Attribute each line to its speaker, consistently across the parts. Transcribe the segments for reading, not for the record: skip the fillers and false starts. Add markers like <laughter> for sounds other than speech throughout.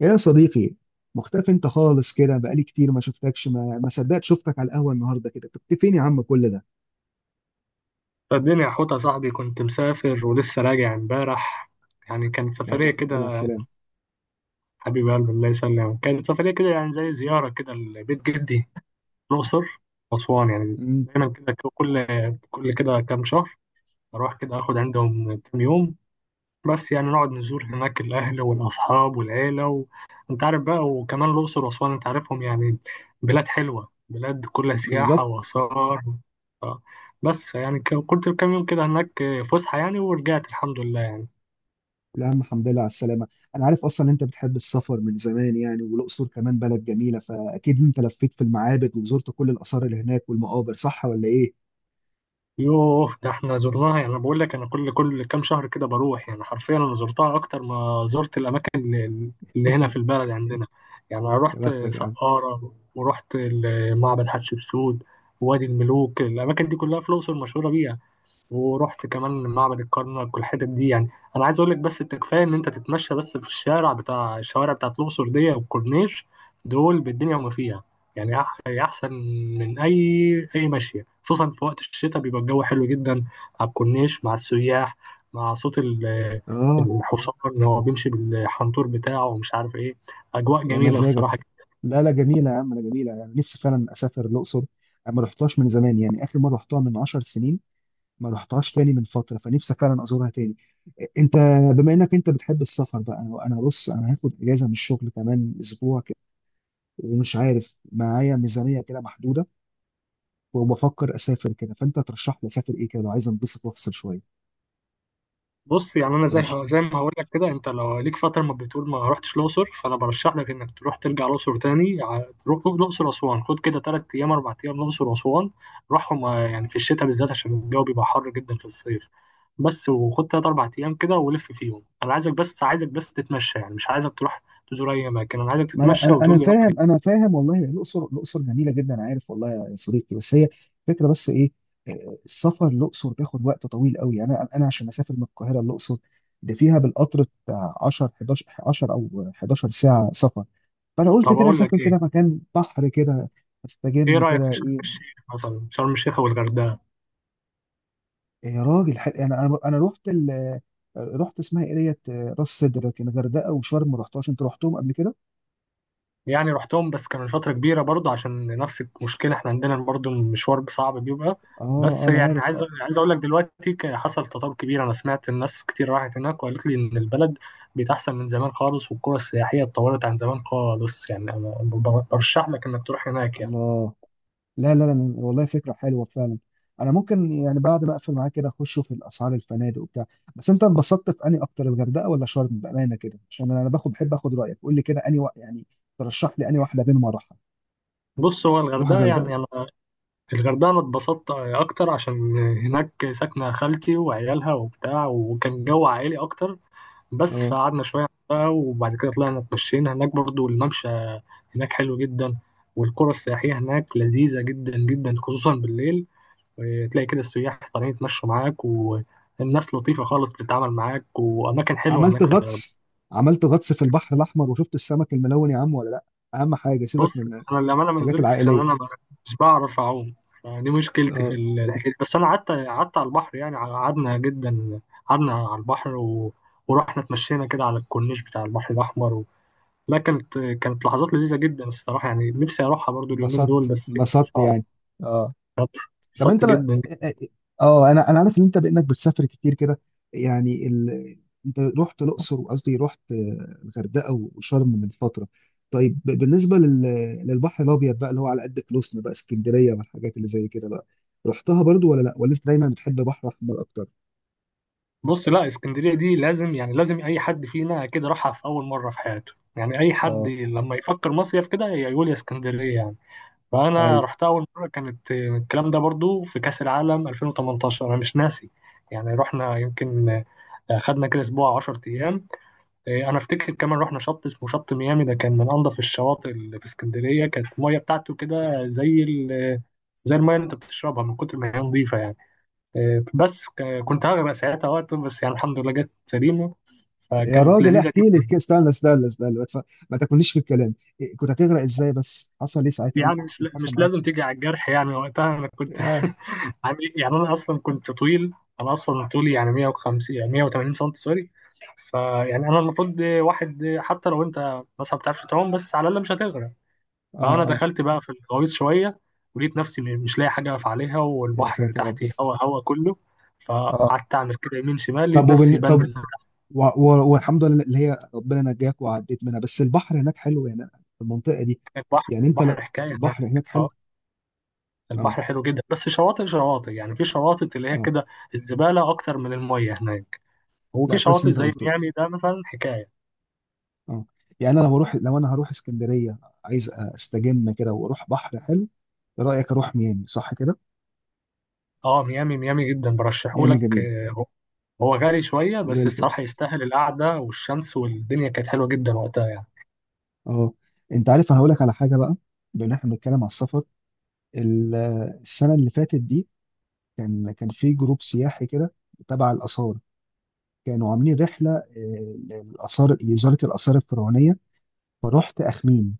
Speaker 1: يا صديقي، مختفي انت خالص كده. بقالي كتير ما شفتكش. ما صدقت شفتك على القهوه النهارده كده. كنت فين يا عم كل ده؟
Speaker 2: الدنيا حوطة يا صاحبي، كنت مسافر ولسه راجع امبارح. يعني كانت
Speaker 1: يا عم
Speaker 2: سفرية
Speaker 1: الحمد لله
Speaker 2: كده.
Speaker 1: على السلامه.
Speaker 2: حبيب قلبي، الله يسلمك، كانت سفرية كده يعني زي زيارة كده لبيت جدي، الأقصر وأسوان. يعني
Speaker 1: امم.
Speaker 2: دايما كده، كل كده كام شهر أروح كده آخد عندهم كام يوم. بس يعني نقعد نزور هناك الأهل والأصحاب والعيلة و أنت عارف بقى، وكمان الأقصر وأسوان أنت عارفهم يعني، بلاد حلوة، بلاد كلها سياحة
Speaker 1: بالظبط.
Speaker 2: وآثار. ف- بس يعني كنت كام يوم كده هناك، فسحة يعني، ورجعت الحمد لله.
Speaker 1: يا عم الحمد لله على السلامه. انا عارف اصلا انت بتحب السفر من زمان يعني، والاقصر كمان بلد جميله، فاكيد انت لفيت في المعابد وزرت كل الاثار اللي هناك والمقابر، صح ولا ايه؟
Speaker 2: يوه، ده احنا زرناها. يعني بقول لك انا كل كام شهر كده بروح، يعني حرفيا انا زرتها اكتر ما زرت الاماكن اللي هنا في
Speaker 1: <laughs>
Speaker 2: البلد عندنا. يعني انا
Speaker 1: يا
Speaker 2: رحت
Speaker 1: بختك يا عم.
Speaker 2: سقارة ورحت معبد حتشبسوت ووادي الملوك، الاماكن دي كلها في الاقصر مشهورة بيها. ورحت كمان معبد الكرنك والحتت دي يعني. انا عايز اقول لك بس انت، كفايه ان انت تتمشى بس في الشارع بتاع، الشوارع بتاعت الاقصر دي والكورنيش، دول بالدنيا وما فيها. يعني احسن من اي ماشيه، خصوصا في وقت الشتاء بيبقى الجو حلو جدا على الكورنيش مع السياح، مع صوت
Speaker 1: اه.
Speaker 2: الحصان اللي هو بيمشي بالحنطور بتاعه ومش عارف ايه، اجواء
Speaker 1: يا
Speaker 2: جميله الصراحه.
Speaker 1: مزاجك. لا لا جميله يا عم، لا جميله، يعني نفسي فعلا اسافر الاقصر. انا ما رحتهاش من زمان يعني، اخر مره رحتها من 10 سنين. ما رحتهاش تاني من فتره، فنفسي فعلا ازورها تاني. انت بما انك انت بتحب السفر بقى، انا بص انا هاخد اجازه من الشغل كمان اسبوع كده. ومش عارف، معايا ميزانيه كده محدوده، وبفكر اسافر كده، فانت ترشح لي اسافر ايه كده لو عايز انبسط وافصل شويه.
Speaker 2: بص يعني انا زي ما هقول لك كده، انت لو ليك فتره ما بتقول ما رحتش الاقصر، فانا برشح لك انك تروح ترجع الاقصر تاني، تروح الاقصر اسوان. خد كده ثلاث ايام اربع ايام الاقصر واسوان، روحهم. آه، يعني في الشتاء بالذات عشان الجو بيبقى حر جدا في الصيف. بس وخد ثلاث اربع ايام كده ولف فيهم. انا عايزك بس، عايزك بس تتمشى، يعني مش عايزك تروح تزور اي اماكن، انا عايزك
Speaker 1: ما انا
Speaker 2: تتمشى
Speaker 1: انا أنا
Speaker 2: وتقول لي
Speaker 1: فاهم،
Speaker 2: رايك.
Speaker 1: انا فاهم والله. الاقصر الاقصر جميله جدا، عارف والله يا صديقي، بس هي فكره، بس ايه، السفر الاقصر بياخد وقت طويل قوي. انا عشان اسافر من القاهره الاقصر ده فيها بالقطر بتاع 10 11 10 او 11 ساعه سفر. فانا قلت
Speaker 2: طب
Speaker 1: كده
Speaker 2: اقول لك
Speaker 1: اسافر كده
Speaker 2: ايه،
Speaker 1: مكان بحر كده،
Speaker 2: ايه
Speaker 1: استجم
Speaker 2: رايك
Speaker 1: كده
Speaker 2: في شرم
Speaker 1: ايه.
Speaker 2: الشيخ مثلا، شرم الشيخ والغردقه.
Speaker 1: يا راجل، يعني انا رحت ال آه، رحت اسمها ايه ديت، راس سدر. لكن الغردقه وشرم ما رحتهاش. انت رحتهم قبل كده؟
Speaker 2: يعني رحتهم بس كان من فترة كبيرة برضو، عشان نفس المشكلة احنا عندنا برضو المشوار صعب بيبقى.
Speaker 1: اه
Speaker 2: بس
Speaker 1: انا
Speaker 2: يعني
Speaker 1: عارف.
Speaker 2: عايز، عايز اقول لك دلوقتي حصل تطور كبير. انا سمعت الناس كتير راحت هناك وقالت لي ان البلد بقت احسن من زمان خالص والقرى السياحية اتطورت عن زمان خالص. يعني انا برشح لك انك تروح هناك يعني.
Speaker 1: الله. لا لا لا والله فكرة حلوة فعلا. أنا ممكن يعني بعد ما أقفل معاك كده أخشوا في الأسعار الفنادق وبتاع. بس أنت انبسطت في أنهي أكتر، الغردقة ولا شرم، بأمانة كده، عشان أنا باخد بحب آخد رأيك. قول لي كده أنهي يعني ترشح لي أنهي واحدة بينهم أروحها.
Speaker 2: بص هو
Speaker 1: أروح
Speaker 2: الغردقة،
Speaker 1: الغردقة؟
Speaker 2: يعني انا الغردقة أنا اتبسطت أكتر، عشان هناك ساكنة خالتي وعيالها وبتاع وكان جو عائلي أكتر. بس
Speaker 1: أه.
Speaker 2: فقعدنا شوية بقى، وبعد كده طلعنا اتمشينا هناك برضو، الممشى هناك حلو جدا. والقرى السياحية هناك لذيذة جدا جدا، خصوصا بالليل. إيه، تلاقي كده السياح طالعين يتمشوا معاك والناس لطيفة خالص بتتعامل معاك، وأماكن حلوة
Speaker 1: عملت
Speaker 2: هناك في الغردقة.
Speaker 1: غطس، عملت غطس في البحر الأحمر وشفت السمك الملون يا عم ولا لأ؟ أهم حاجة سيبك من
Speaker 2: انا للامانه ما
Speaker 1: الحاجات
Speaker 2: نزلتش، عشان انا
Speaker 1: العائلية.
Speaker 2: مش بعرف اعوم. فدي مشكلتي في
Speaker 1: أه.
Speaker 2: الحكايه دي. بس انا قعدت على البحر، يعني قعدنا جدا، قعدنا على البحر، و... ورحنا اتمشينا كده على الكورنيش بتاع البحر الاحمر. و... لا، كانت لحظات لذيذه جدا الصراحه، يعني نفسي اروحها برضو اليومين
Speaker 1: انبسطت،
Speaker 2: دول بس
Speaker 1: انبسطت
Speaker 2: صعب.
Speaker 1: يعني. أه. طب
Speaker 2: اتبسطت جدا.
Speaker 1: اه انا عارف ان انت بانك بتسافر كتير كده، يعني ال... انت رحت الاقصر، وقصدي رحت الغردقه وشرم من فتره. طيب بالنسبه لل... للبحر الابيض بقى اللي هو على قد فلوسنا بقى، اسكندريه والحاجات اللي زي كده بقى، رحتها برضو ولا لا، ولا انت دايما بتحب بحر احمر اكتر؟
Speaker 2: بص، لا اسكندريه دي لازم، يعني لازم اي حد فينا كده راحها في اول مره في حياته، يعني اي حد
Speaker 1: اه
Speaker 2: لما يفكر مصيف كده يقول يا اسكندريه يعني. فانا
Speaker 1: ايوه.
Speaker 2: رحتها اول مره، كانت الكلام ده برضو في كاس العالم 2018، انا مش ناسي. يعني رحنا يمكن، آه، خدنا كده اسبوع 10 ايام. آه، انا افتكر كمان رحنا شط اسمه شط ميامي، ده كان من انظف الشواطئ اللي في اسكندريه. كانت الميه بتاعته كده زي ال، زي الميه اللي انت بتشربها من كتر ما هي نظيفه يعني. آه، بس كنت هغرق ساعتها وقت، بس يعني الحمد لله جت سليمه.
Speaker 1: يا
Speaker 2: فكانت
Speaker 1: راجل
Speaker 2: لذيذه
Speaker 1: احكي لي
Speaker 2: جدا.
Speaker 1: كده، استنى استنى استنى، ما تاكلنيش في الكلام. كنت هتغرق ازاي؟ بس حصل ايه ساعتها، ايه
Speaker 2: يعني
Speaker 1: الموقف
Speaker 2: مش
Speaker 1: اللي حصل
Speaker 2: مش
Speaker 1: معاك؟
Speaker 2: لازم تيجي على الجرح، يعني وقتها انا كنت
Speaker 1: يعني
Speaker 2: <laughs> عامل إيه؟ يعني انا اصلا كنت طويل، انا اصلا طولي يعني 150، يعني 180 سم، سوري. فيعني انا المفروض واحد، حتى لو انت مثلا ما بتعرفش تعوم بس على الاقل مش هتغرق.
Speaker 1: اه
Speaker 2: فانا
Speaker 1: اه.
Speaker 2: دخلت بقى في الغويط شويه، ولقيت نفسي مش لاقي حاجه اقف عليها،
Speaker 1: يا
Speaker 2: والبحر اللي
Speaker 1: ساتر يا رب.
Speaker 2: تحتي هوا هوا كله.
Speaker 1: اه.
Speaker 2: فقعدت اعمل كده يمين شمال، لقيت نفسي
Speaker 1: طب
Speaker 2: بنزل تحت.
Speaker 1: والحمد لله اللي هي ربنا نجاك وعديت منها، بس البحر هناك حلو يعني في المنطقه دي.
Speaker 2: البحر
Speaker 1: يعني انت ل-
Speaker 2: البحر حكايه هناك.
Speaker 1: البحر هناك حلو. اه.
Speaker 2: البحر حلو جدا بس شواطئ، شواطئ يعني، في شواطئ اللي هي
Speaker 1: اه.
Speaker 2: كده الزبالة أكتر من المية هناك، وفي
Speaker 1: لا كويس إن
Speaker 2: شواطئ
Speaker 1: انت
Speaker 2: زي
Speaker 1: قلت لي.
Speaker 2: ميامي ده مثلا حكاية.
Speaker 1: اه. يعني انا لو بروح، لو انا هروح اسكندريه، عايز استجم كده واروح بحر حلو. إيه رايك اروح ميامي، صح كده؟
Speaker 2: اه، ميامي ميامي جدا
Speaker 1: ميامي
Speaker 2: برشحهولك.
Speaker 1: جميل.
Speaker 2: آه، هو هو غالي شوية
Speaker 1: زي
Speaker 2: بس
Speaker 1: الفل.
Speaker 2: الصراحة يستاهل، القعدة والشمس والدنيا كانت حلوة جدا وقتها يعني.
Speaker 1: اه. انت عارف انا هقول لك على حاجه بقى، بما ان احنا بنتكلم على السفر، ال- السنه اللي فاتت دي كان كان في جروب سياحي كده تبع الاثار. كانوا عاملين رحله للاثار لوزاره الاثار الفرعونيه. فرحت اخميم،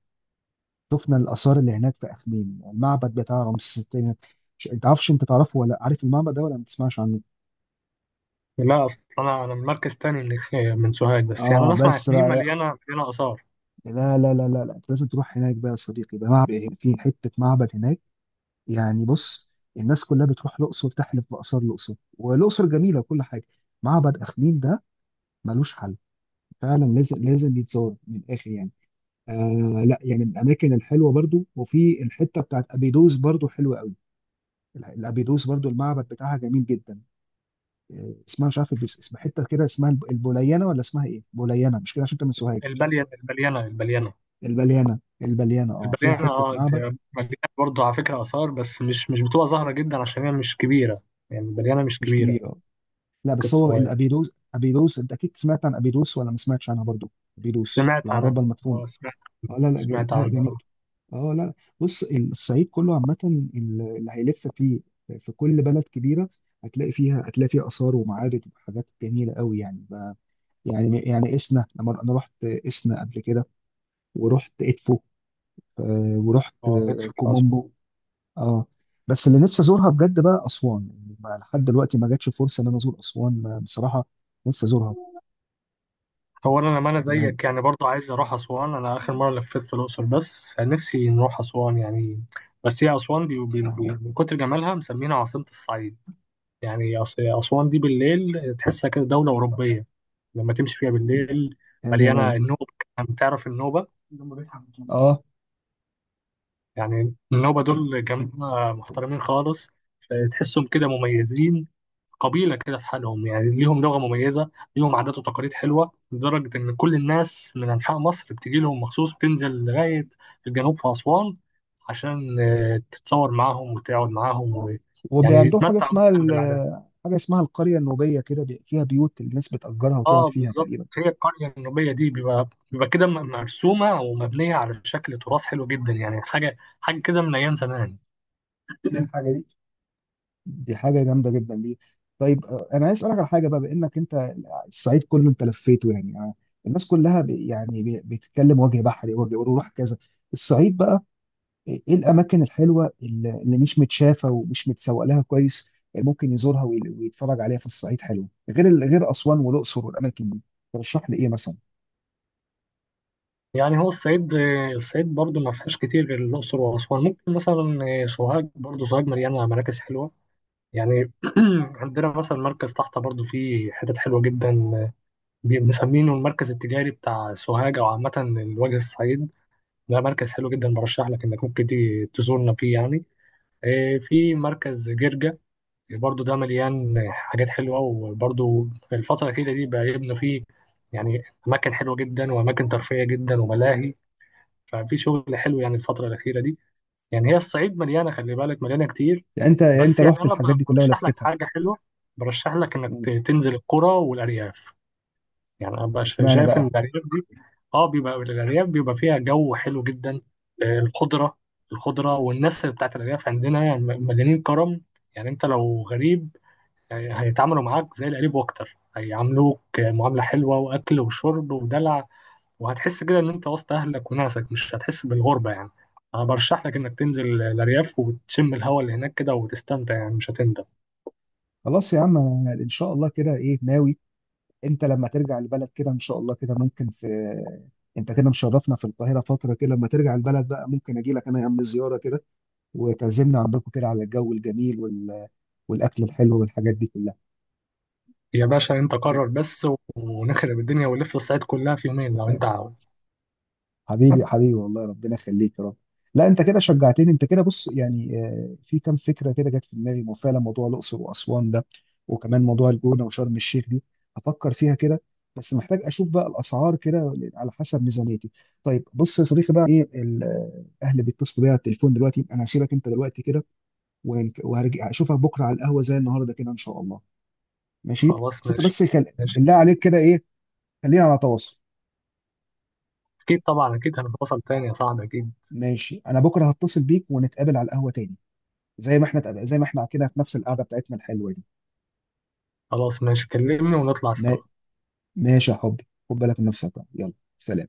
Speaker 1: شفنا الاثار اللي هناك في اخميم، المعبد بتاع رمسيس الثاني. انت عارفش، انت تعرفه ولا عارف المعبد ده ولا ما تسمعش عنه؟
Speaker 2: لا، أصل أنا من مركز تاني، من سوهاج. بس يعني
Speaker 1: اه
Speaker 2: أنا أسمع
Speaker 1: بس
Speaker 2: إن هي
Speaker 1: بقى.
Speaker 2: مليانة، مليانة آثار.
Speaker 1: لا لا لا لا لا، انت لازم تروح هناك بقى يا صديقي. ده معبد في حته، معبد هناك يعني. بص، الناس كلها بتروح الاقصر تحلف باثار الاقصر، والاقصر جميله وكل حاجه، معبد اخميم ده ملوش حل. فعلا لازم لازم يتزور من الاخر يعني. آه لا يعني من الاماكن الحلوه برضو. وفي الحته بتاعت ابيدوس برضو حلوه قوي. الابيدوس برضو المعبد بتاعها جميل جدا. آه اسمها مش عارف، بس اسم حته كده اسمها البوليانه ولا اسمها ايه؟ بوليانه مش كده؟ عشان انت من سوهاج.
Speaker 2: البليانة، البليانة
Speaker 1: البليانه البليانه اه، فيها
Speaker 2: البليانة
Speaker 1: حته
Speaker 2: اه، دي
Speaker 1: معبد.
Speaker 2: مليانة برضه على فكرة آثار، بس مش مش بتبقى ظاهرة جدا عشان هي مش كبيرة. يعني البليانة مش
Speaker 1: مش
Speaker 2: كبيرة،
Speaker 1: كبير. اه. لا بس هو
Speaker 2: كالصغير.
Speaker 1: الابيدوس، ابيدوس انت اكيد سمعت عن ابيدوس ولا ما سمعتش عنها برضو؟ ابيدوس
Speaker 2: سمعت عن،
Speaker 1: العرابه المدفونه.
Speaker 2: اه، سمعت
Speaker 1: اه لا لا
Speaker 2: سمعت
Speaker 1: لا
Speaker 2: عنه
Speaker 1: جميل.
Speaker 2: اه.
Speaker 1: اه. لا بص الصعيد كله عامة، اللي هيلف فيه في كل بلد كبيرة هتلاقي فيها، هتلاقي فيها آثار ومعابد وحاجات جميلة قوي. يعني ب... يعني إسنا، لما أنا رحت إسنا قبل كده ورحت إدفو، ورحت
Speaker 2: آه، اتش في أسوان.
Speaker 1: كومومبو. اه. بس اللي نفسي أزورها بجد بقى أسوان. يعني لحد دلوقتي ما جاتش فرصة إن أنا أزور أسوان. بصراحة نفسي أزورها.
Speaker 2: هو أنا لما أنا
Speaker 1: يعني
Speaker 2: زيك، يعني برضه عايز أروح أسوان. أنا آخر مرة لفيت في الأقصر بس نفسي نروح أسوان يعني. بس هي أسوان دي، من كتر جمالها مسمينها عاصمة الصعيد. يعني أسوان دي بالليل تحسها كده دولة أوروبية لما تمشي فيها بالليل.
Speaker 1: يا
Speaker 2: مليانة
Speaker 1: جمال.
Speaker 2: النوبة، يعني تعرف النوبة.
Speaker 1: اه.
Speaker 2: يعني النوبة دول جماعة محترمين خالص، تحسهم كده مميزين، قبيلة كده في حالهم. يعني ليهم لغة مميزة، ليهم عادات وتقاليد حلوة لدرجة إن كل الناس من أنحاء مصر بتيجي لهم مخصوص، بتنزل لغاية الجنوب في أسوان عشان، آه، تتصور معاهم وتقعد معاهم. و...
Speaker 1: وبي
Speaker 2: يعني
Speaker 1: عندهم حاجه
Speaker 2: يتمتع
Speaker 1: اسمها
Speaker 2: جدا بالعادات.
Speaker 1: حاجه اسمها القريه النوبيه كده، فيها بيوت الناس بتأجرها وتقعد
Speaker 2: اه
Speaker 1: فيها
Speaker 2: بالظبط،
Speaker 1: تقريبا.
Speaker 2: هي القرية النوبية دي بيبقى، بيبقى كده مرسومة ومبنية على شكل تراث حلو جدا، يعني حاجة حاجة كده من أيام زمان.
Speaker 1: دي حاجه جامده جدا دي. طيب انا عايز اسالك على حاجه بقى. بانك انت الصعيد كله انت لفيته يعني، الناس كلها بتتكلم وجه بحري، وجه وروح كذا. الصعيد بقى ايه الاماكن الحلوه اللي اللي مش متشافه ومش متسوق لها كويس، ممكن يزورها ويتفرج عليها في الصعيد، حلو غير غير اسوان والاقصر والاماكن دي؟ ترشح لي ايه مثلا؟
Speaker 2: يعني هو الصعيد، الصعيد برضو ما فيهاش كتير غير الأقصر وأسوان. ممكن مثلا آه، سوهاج، برضو سوهاج مليانة مراكز حلوة، يعني <clears throat> عندنا مثلا مركز تحت برضو فيه حتت حلوة جدا، مسمينه المركز التجاري بتاع سوهاج. أو عامة الوجه الصعيد، ده مركز حلو جدا برشح لك إنك ممكن تيجي تزورنا فيه يعني. إيه، في مركز جرجا برضو، ده مليان حاجات حلوة. وبرضو الفترة الأخيرة دي بقى يبنى فيه يعني أماكن حلوة جدا وأماكن ترفيهية جدا وملاهي. ففي شغل حلو يعني الفترة الأخيرة دي. يعني هي الصعيد مليانة، خلي بالك، مليانة كتير.
Speaker 1: يعني انت، يعني انت
Speaker 2: بس يعني
Speaker 1: رحت
Speaker 2: أنا
Speaker 1: الحاجات دي كلها
Speaker 2: برشح لك
Speaker 1: ولفتها؟
Speaker 2: حاجة حلوة، برشح لك إنك تنزل القرى والأرياف. يعني أنا بقى
Speaker 1: اشمعنى
Speaker 2: شايف إن
Speaker 1: بقى.
Speaker 2: الأرياف دي، أه، بيبقى الأرياف بيبقى فيها جو حلو جدا، آه، الخضرة، الخضرة والناس بتاعت الأرياف عندنا يعني مليانين كرم. يعني أنت لو غريب، آه، هيتعاملوا معاك زي القريب وأكتر، هيعاملوك، آه، معاملة حلوة، وأكل وشرب ودلع. وهتحس كده ان انت وسط اهلك وناسك، مش هتحس بالغربه يعني. انا برشح لك انك تنزل الارياف وتشم الهواء اللي هناك كده وتستمتع، يعني مش هتندم.
Speaker 1: خلاص يا عم أنا ان شاء الله كده ايه ناوي. انت لما ترجع البلد كده ان شاء الله كده ممكن في، انت كده مشرفنا في القاهره فتره كده، لما ترجع البلد بقى ممكن اجي لك انا يا عم زياره كده، وتعزمنا عندكم كده على الجو الجميل وال... والاكل الحلو والحاجات دي كلها.
Speaker 2: يا باشا، انت قرر بس، ونخرب الدنيا ونلف الصعيد كلها في يومين لو انت عاوز.
Speaker 1: حبيبي حبيبي والله ربنا يخليك يا رب. لا انت كده شجعتني، انت كده بص يعني، في كام فكره كده جت في دماغي، مو فعلا موضوع الاقصر واسوان ده، وكمان موضوع الجونه وشرم الشيخ دي، افكر فيها كده. بس محتاج اشوف بقى الاسعار كده على حسب ميزانيتي. طيب بص يا صديقي بقى ايه الاهل بيتصلوا بيا على التليفون دلوقتي، انا هسيبك انت دلوقتي كده، وهرجع اشوفك بكره على القهوه زي النهارده كده ان شاء الله. ماشي.
Speaker 2: خلاص
Speaker 1: بس انت
Speaker 2: ماشي.
Speaker 1: بس
Speaker 2: ماشي،
Speaker 1: بالله عليك كده ايه، خلينا على تواصل.
Speaker 2: اكيد طبعا، اكيد هنتواصل تاني يا صاحبي اكيد.
Speaker 1: ماشي، انا بكره هتصل بيك ونتقابل على القهوه تاني، زي ما احنا زي ما احنا كده في نفس القعده بتاعتنا الحلوه دي.
Speaker 2: خلاص ماشي، كلمني ونطلع سوا.
Speaker 1: ما- ماشي يا حبي، خد بالك من نفسك بقى يلا، سلام.